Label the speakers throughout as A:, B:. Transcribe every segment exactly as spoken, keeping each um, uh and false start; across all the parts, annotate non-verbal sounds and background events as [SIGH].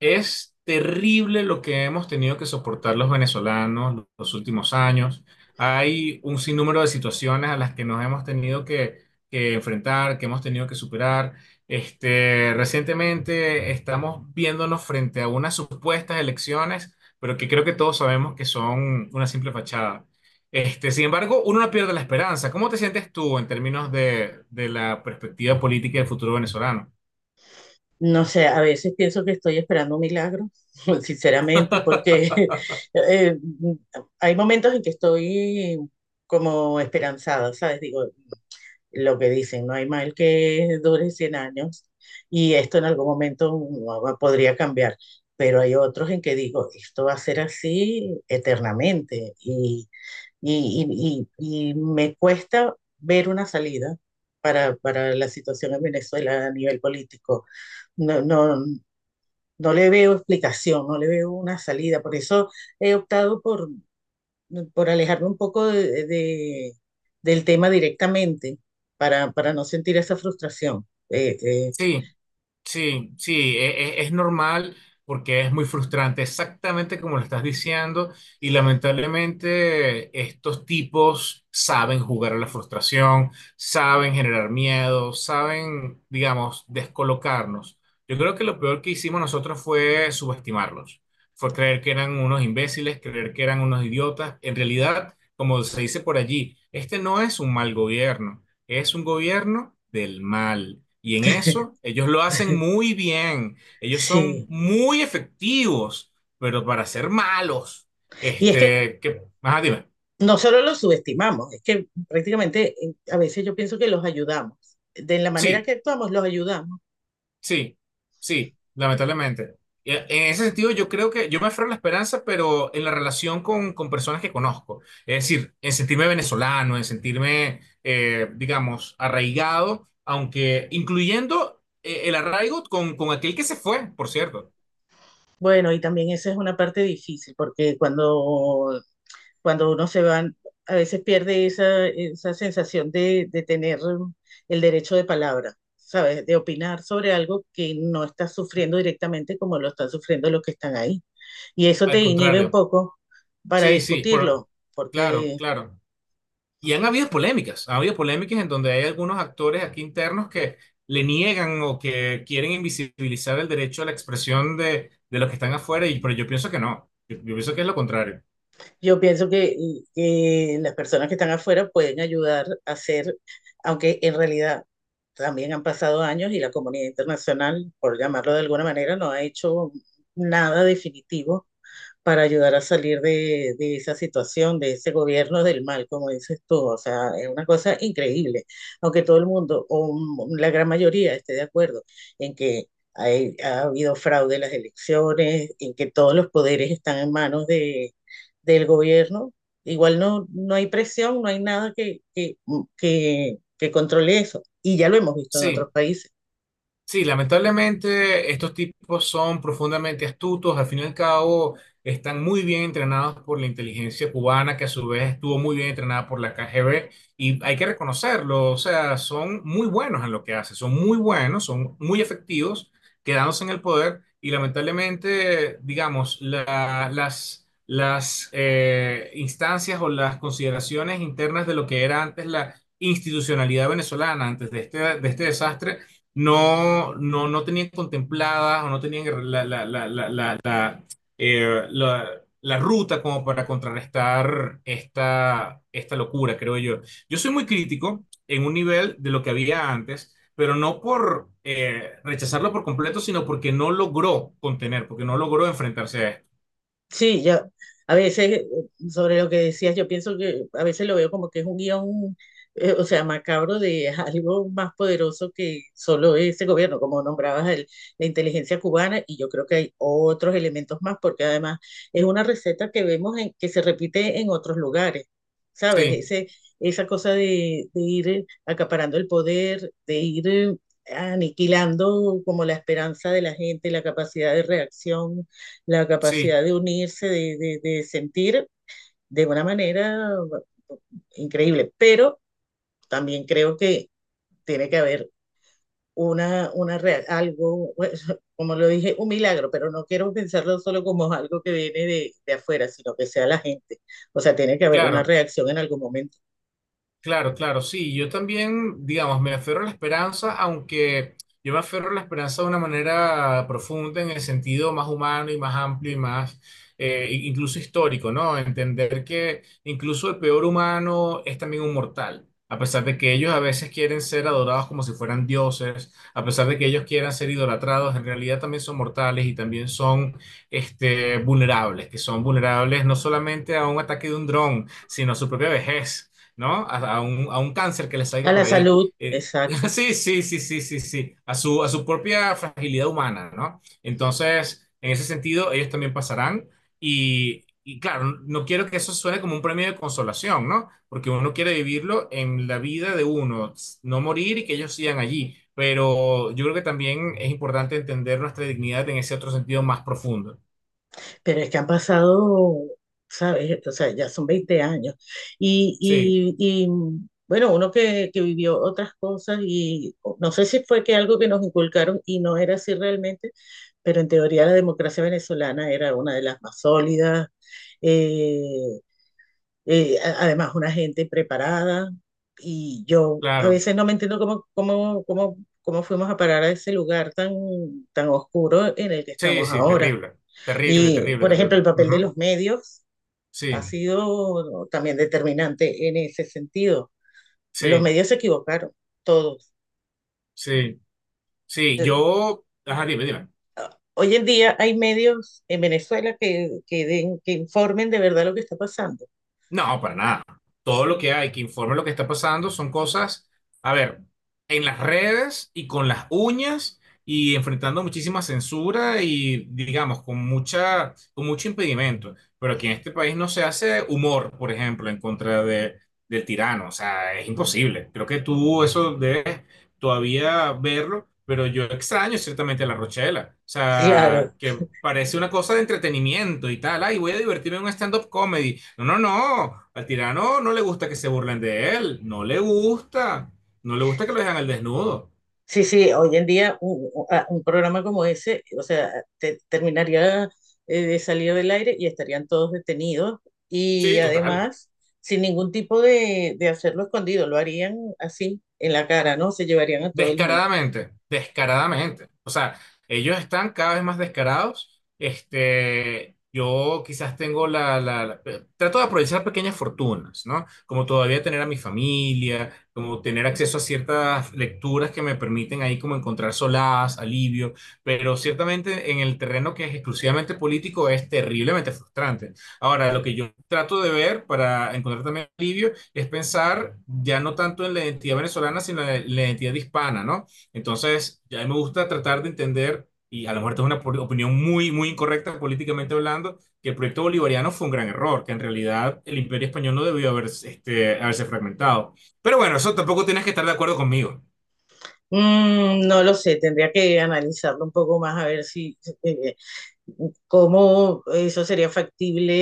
A: Es terrible lo que hemos tenido que soportar los venezolanos los últimos años. Hay un sinnúmero de situaciones a las que nos hemos tenido que, que enfrentar, que hemos tenido que superar. Este, recientemente estamos viéndonos frente a unas supuestas elecciones, pero que creo que todos sabemos que son una simple fachada. Este, sin embargo, uno no pierde la esperanza. ¿Cómo te sientes tú en términos de, de la perspectiva política del futuro venezolano?
B: No sé, a veces pienso que estoy esperando un milagro, [LAUGHS] sinceramente, porque [LAUGHS] eh, hay momentos en que estoy como esperanzada, ¿sabes? Digo, lo que dicen, no hay mal que dure cien años y esto en algún momento uh, podría cambiar, pero hay otros en que digo, esto va a ser así eternamente y, y, y, y- y me cuesta ver una salida para, para la situación en Venezuela a nivel político. No, no, no le veo explicación, no le veo una salida. Por eso he optado por, por alejarme un poco de, de- del tema directamente para, para no sentir esa frustración. Eh, eh,
A: Sí. Sí, sí, e- e- es normal porque es muy frustrante, exactamente como lo estás diciendo, y lamentablemente estos tipos saben jugar a la frustración, saben generar miedo, saben, digamos, descolocarnos. Yo creo que lo peor que hicimos nosotros fue subestimarlos, fue creer que eran unos imbéciles, creer que eran unos idiotas. En realidad, como se dice por allí, este no es un mal gobierno, es un gobierno del mal. Y en eso
B: [LAUGHS]
A: ellos lo hacen muy bien. Ellos son
B: sí.
A: muy efectivos, pero para ser malos.
B: Y es que
A: Este, que, ajá, dime.
B: no solo los subestimamos, es que prácticamente eh, a veces yo pienso que los ayudamos. De la manera
A: Sí,
B: que actuamos, los ayudamos.
A: sí, sí, lamentablemente. Y e, En ese sentido, yo creo que yo me aferro a la esperanza, pero en la relación con, con personas que conozco. Es decir, en sentirme venezolano, en sentirme, eh, digamos, arraigado, aunque incluyendo eh, el arraigo con, con aquel que se fue, por cierto.
B: Bueno, y también esa es una parte difícil, porque cuando cuando uno se va, a veces pierde esa, esa sensación de, de tener el derecho de palabra, ¿sabes? De opinar sobre algo que no estás sufriendo directamente como lo están sufriendo los que están ahí. Y eso te
A: Al
B: inhibe un
A: contrario.
B: poco para
A: Sí, sí, por,
B: discutirlo,
A: claro,
B: porque
A: claro. Y han habido polémicas, ha habido polémicas en donde hay algunos actores aquí internos que le niegan o que quieren invisibilizar el derecho a la expresión de, de los que están afuera, y, pero yo pienso que no, yo, yo pienso que es lo contrario.
B: yo pienso que, que las personas que están afuera pueden ayudar a hacer, aunque en realidad también han pasado años y la comunidad internacional, por llamarlo de alguna manera, no ha hecho nada definitivo para ayudar a salir de, de esa situación, de ese gobierno del mal, como dices tú. O sea, es una cosa increíble, aunque todo el mundo, o m- la gran mayoría, esté de acuerdo en que hay- ha habido fraude en las elecciones, en que todos los poderes están en manos de, del gobierno. Igual no, no hay presión, no hay nada que, que, que, que controle eso. Y ya lo hemos visto en otros
A: Sí,
B: países.
A: sí, lamentablemente estos tipos son profundamente astutos, al fin y al cabo están muy bien entrenados por la inteligencia cubana, que a su vez estuvo muy bien entrenada por la K G B, y hay que reconocerlo, o sea, son muy buenos en lo que hacen, son muy buenos, son muy efectivos, quedándose en el poder, y lamentablemente, digamos, la- las, las eh, instancias o las consideraciones internas de lo que era antes la institucionalidad venezolana, antes de este, de este desastre no, no, no tenían contempladas o no tenían la, la, la, la, la, la, eh, la- la ruta como para contrarrestar esta, esta locura, creo yo. Yo soy muy crítico en un nivel de lo que había antes, pero no por eh, rechazarlo por completo, sino porque no logró contener, porque no logró enfrentarse a esto.
B: Sí, yo a veces eh, sobre lo que decías, yo pienso que a veces lo veo como que es un guión, eh, o sea, macabro de [LAUGHS] algo más poderoso que solo ese gobierno, como nombrabas el- la inteligencia cubana, y yo creo que hay otros elementos más, porque además es una receta que vemos en- que se repite en otros lugares, ¿sabes?
A: Sí,
B: Ese, esa cosa de, de ir eh, acaparando el poder, de ir eh, aniquilando como la esperanza de la gente, la capacidad de reacción, la
A: sí,
B: capacidad de unirse, de, de, de sentir de una manera mm, increíble, pero también creo que tiene que haber una, una real, algo, pues, [LAUGHS] como lo dije, un milagro, pero no quiero pensarlo solo como algo que viene de, de, afuera, sino que sea la gente. O sea, tiene que haber una
A: claro.
B: reacción en algún momento.
A: Claro, claro, sí, yo también, digamos, me aferro a la esperanza, aunque yo me aferro a la esperanza de una manera profunda, en el sentido más humano y más amplio y más, eh, i- incluso histórico, ¿no? Entender que incluso el peor humano es también un mortal, a pesar de que ellos a veces quieren ser adorados como si fueran dioses, a pesar de que ellos quieran ser idolatrados, en realidad también son mortales y también son, este, vulnerables, que son vulnerables no solamente a un ataque de un dron, sino a su propia vejez. ¿No? A, a un, a un cáncer que les
B: A
A: salga
B: la
A: por ahí.
B: salud,
A: Eh, [LAUGHS]
B: exacto.
A: sí, sí, sí, sí, sí, sí, a su, a su propia fragilidad humana, ¿no? Entonces, en ese sentido, ellos también pasarán y, y claro, no quiero que eso suene como un premio de consolación, ¿no? Porque uno quiere vivirlo en la vida de uno, no morir y que ellos sigan allí. Pero yo creo que también es importante entender nuestra dignidad en ese otro sentido más profundo.
B: Pero es que han pasado, ¿sabes? O sea, ya son veinte años. Y,
A: Sí,
B: y, y, mm, bueno, uno que, que vivió otras cosas y no sé si fue que algo que nos inculcaron y no era así realmente, pero en teoría la democracia venezolana era una de las más sólidas, eh, eh, a- además una gente preparada y yo a
A: claro.
B: veces no me entiendo cómo, cómo, cómo, cómo fuimos a parar a ese lugar tan, tan oscuro en el que
A: Sí,
B: estamos
A: sí,
B: ahora.
A: terrible. Terrible,
B: Y,
A: terrible,
B: por ejemplo, el
A: terrible.
B: papel de
A: Ujú.
B: los medios ha
A: Sí,
B: sido también determinante en ese sentido. Los
A: sí.
B: medios se equivocaron, todos.
A: Sí, sí, yo, ajá, dime, dime.
B: Hoy en día hay medios en Venezuela que, que, den, que informen de verdad lo que está pasando.
A: No, para nada. Todo lo que hay que informe lo que está pasando son cosas, a ver, en las redes y con las uñas y enfrentando muchísima censura y digamos con mucha, con mucho impedimento. Pero aquí en este país no se hace humor, por ejemplo, en contra de, del tirano. O sea, es imposible. Creo que tú eso debes todavía verlo, pero yo extraño ciertamente a La Rochela. O
B: Claro,
A: sea, que parece una cosa de entretenimiento y tal. Ay, voy a divertirme en un stand-up comedy. No, no, no. Al tirano no le gusta que se burlen de él. No le gusta. No le gusta que lo dejan al desnudo.
B: sí, sí, hoy en día un, un programa como ese, o sea, te, terminaría eh, de salir del aire y estarían todos detenidos y
A: Sí, total.
B: además sin ningún tipo de, de hacerlo escondido, lo harían así en la cara, ¿no? Se llevarían a todo el mundo.
A: Descaradamente, descaradamente. O sea, ellos están cada vez más descarados. Este, yo quizás tengo la, la- la- eh, trato de aprovechar pequeñas fortunas, ¿no? Como todavía tener a mi familia, como tener acceso a ciertas lecturas que me permiten ahí como encontrar solaz, alivio, pero ciertamente en el terreno que es exclusivamente político es terriblemente frustrante. Ahora, lo que yo trato de ver para encontrar también alivio es pensar ya no tanto en la identidad venezolana, sino en la identidad hispana, ¿no? Entonces, ya me gusta tratar de entender, y a lo mejor esta es una opinión muy, muy incorrecta políticamente hablando, que el proyecto bolivariano fue un gran error, que en realidad el imperio español no debió haber, este, haberse fragmentado. Pero bueno, eso tampoco tienes que estar de acuerdo conmigo.
B: Mm, no lo sé, tendría que analizarlo un poco más a ver si eh, cómo eso sería factible,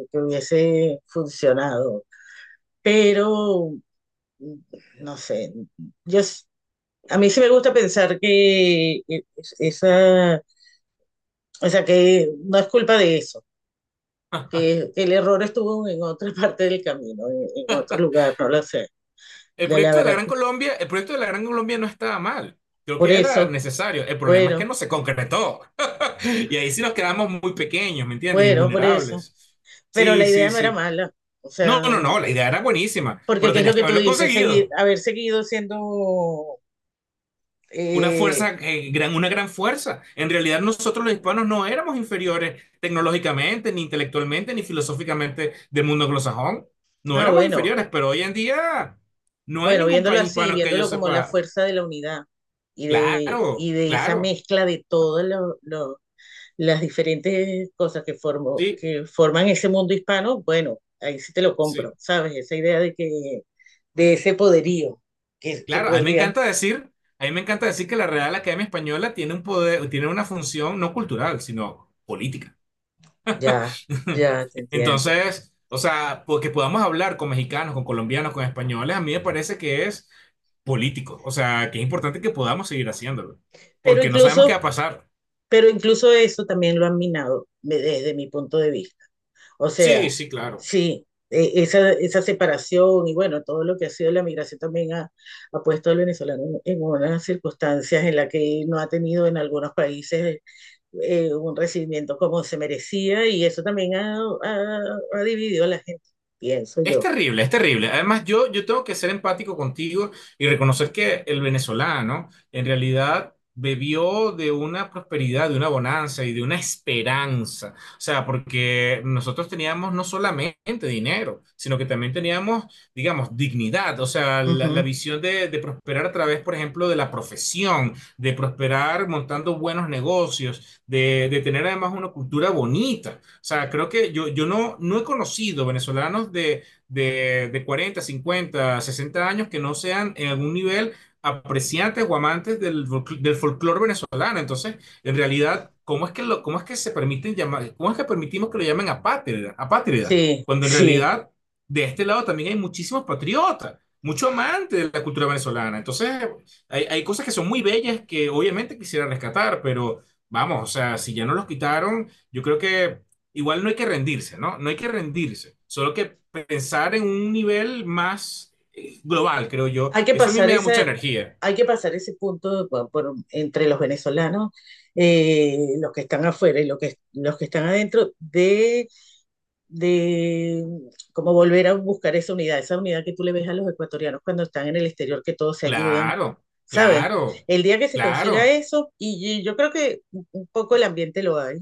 B: eh, que hubiese funcionado. Pero mm, no sé, yo s- a mí sí me gusta pensar que eh, esa, o sea, que no es culpa de eso, que el error estuvo en otra [LAUGHS] parte del camino, en, en otro lugar, no lo sé.
A: El
B: La, la
A: proyecto de la
B: verdad es
A: Gran
B: que
A: Colombia, el proyecto de la Gran Colombia no estaba mal. Creo
B: por
A: que era
B: eso,
A: necesario. El problema es que
B: bueno,
A: no se concretó. [LAUGHS] Y ahí sí nos quedamos muy pequeños, ¿me entiendes? Y
B: bueno, por eso.
A: vulnerables.
B: Pero
A: Sí,
B: la
A: sí,
B: idea no era
A: sí.
B: mala, o
A: No,
B: sea.
A: no, no, la idea era buenísima,
B: Porque,
A: pero
B: ¿qué es lo
A: tenías que
B: que tú
A: haberlo
B: dices? Seguir,
A: conseguido.
B: haber seguido siendo,
A: Una
B: eh,
A: fuerza, eh, gran, una gran fuerza. En realidad nosotros los hispanos no éramos inferiores tecnológicamente, ni intelectualmente, ni filosóficamente del mundo anglosajón. No
B: ah,
A: éramos
B: bueno,
A: inferiores, pero hoy en día no hay
B: bueno,
A: ningún
B: viéndolo
A: país
B: así,
A: hispano que yo
B: viéndolo como la
A: sepa.
B: fuerza de la unidad y de, y
A: Claro,
B: de esa
A: claro,
B: mezcla de todas lo- lo- las diferentes cosas que, formo
A: sí,
B: que forman ese mundo hispano, bueno, ahí sí te lo compro,
A: sí,
B: ¿sabes? Esa idea de que, de ese poderío que, que
A: claro. A mí me
B: podría,
A: encanta decir, a mí me encanta decir que la Real Academia Española tiene un poder, tiene una función no cultural, sino política.
B: ya,
A: [LAUGHS]
B: ya te entiendo.
A: Entonces, o sea, porque podamos hablar con mexicanos, con colombianos, con españoles, a mí me parece que es político. O sea, que es importante que podamos seguir haciéndolo,
B: Pero
A: porque no sabemos qué
B: incluso,
A: va a pasar.
B: pero incluso eso también lo han minado me- desde mi punto de vista. O
A: Sí,
B: sea,
A: sí, claro.
B: sí, e- esa, esa separación y bueno, todo lo que ha sido la migración también ha, ha puesto al venezolano en, en unas circunstancias en las que no ha tenido en algunos países eh, un recibimiento como se merecía y eso también ha, ha- ha dividido a la gente, pienso
A: Es
B: yo.
A: terrible, es terrible. Además, yo, yo tengo que ser empático contigo y reconocer que el venezolano en realidad bebió de una prosperidad, de una bonanza y de una esperanza. O sea, porque nosotros teníamos no solamente dinero, sino que también teníamos, digamos, dignidad. O sea, la, la
B: Ujú.
A: visión de, de prosperar a través, por ejemplo, de la profesión, de prosperar montando buenos negocios, de, de tener además una cultura bonita. O sea, creo que yo, yo no, no he conocido venezolanos de de, de cuarenta, cincuenta, sesenta años que no sean en algún nivel apreciantes o amantes del, del folclore venezolano. Entonces, en realidad, ¿cómo es que, lo, cómo es que se permiten llamar, cómo es que permitimos que lo llamen apátrida, apátrida?
B: Sí,
A: Cuando en
B: sí.
A: realidad, de este lado también hay muchísimos patriotas, mucho amantes de la cultura venezolana. Entonces, hay, hay cosas que son muy bellas que obviamente quisiera rescatar, pero vamos, o sea, si ya no los quitaron, yo creo que igual no hay que rendirse, ¿no? No hay que rendirse, solo que pensar en un nivel más eh, global, creo yo.
B: Hay que
A: Eso a mí
B: pasar
A: me da
B: esa,
A: mucha energía.
B: hay que pasar ese punto por- por- entre los venezolanos, eh, los que están afuera y los que, los que están adentro, de cómo volver a buscar esa unidad, esa unidad que tú le ves a los ecuatorianos cuando están en el exterior, que todos se ayudan,
A: Claro,
B: ¿sabes?
A: claro,
B: El día que se consiga
A: claro.
B: eso, y yo creo que un poco el ambiente lo hay,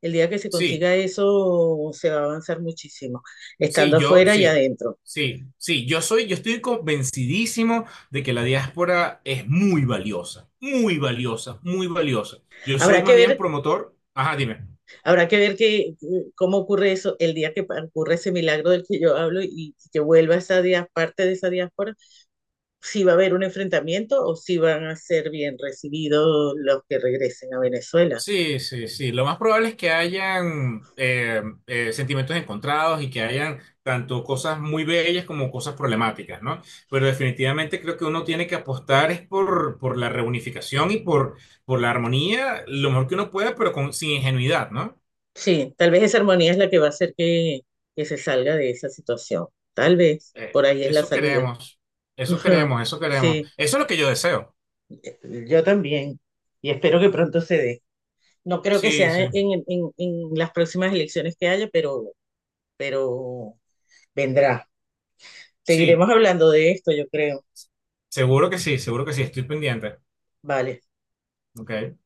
B: el día que se
A: Sí,
B: consiga eso se va a avanzar muchísimo,
A: sí,
B: estando
A: yo,
B: afuera y
A: sí,
B: adentro.
A: sí, sí. Yo soy, yo estoy convencidísimo de que la diáspora es muy valiosa, muy valiosa, muy valiosa. Yo soy
B: Habrá que
A: más
B: ver,
A: bien promotor. Ajá, dime.
B: habrá que ver que, eh, cómo ocurre eso el día que ocurre ese milagro del que yo hablo y que vuelva esa parte de esa diáspora, si va a haber un enfrentamiento o si van a ser bien recibidos los que regresen a Venezuela.
A: Sí, sí, sí. Lo más probable es que hayan eh, eh, sentimientos encontrados y que hayan tanto cosas muy bellas como cosas problemáticas, ¿no? Pero definitivamente creo que uno tiene que apostar es por, por la reunificación y por, por la armonía lo mejor que uno pueda, pero con, sin ingenuidad, ¿no?
B: Sí, tal vez esa armonía es la que va a hacer que, que se salga de esa situación. Tal vez,
A: Eh,
B: por ahí es la
A: eso
B: salida.
A: queremos, eso
B: [LAUGHS]
A: queremos, eso queremos.
B: Sí,
A: Eso es lo que yo deseo.
B: yo también. Y espero que pronto se dé. No creo que
A: Sí,
B: sea
A: sí,
B: en, en, en en las próximas elecciones que haya, pero, pero vendrá.
A: sí.
B: Seguiremos hablando de esto, yo creo.
A: Seguro que sí, seguro que sí. Estoy pendiente.
B: Vale.
A: Ok.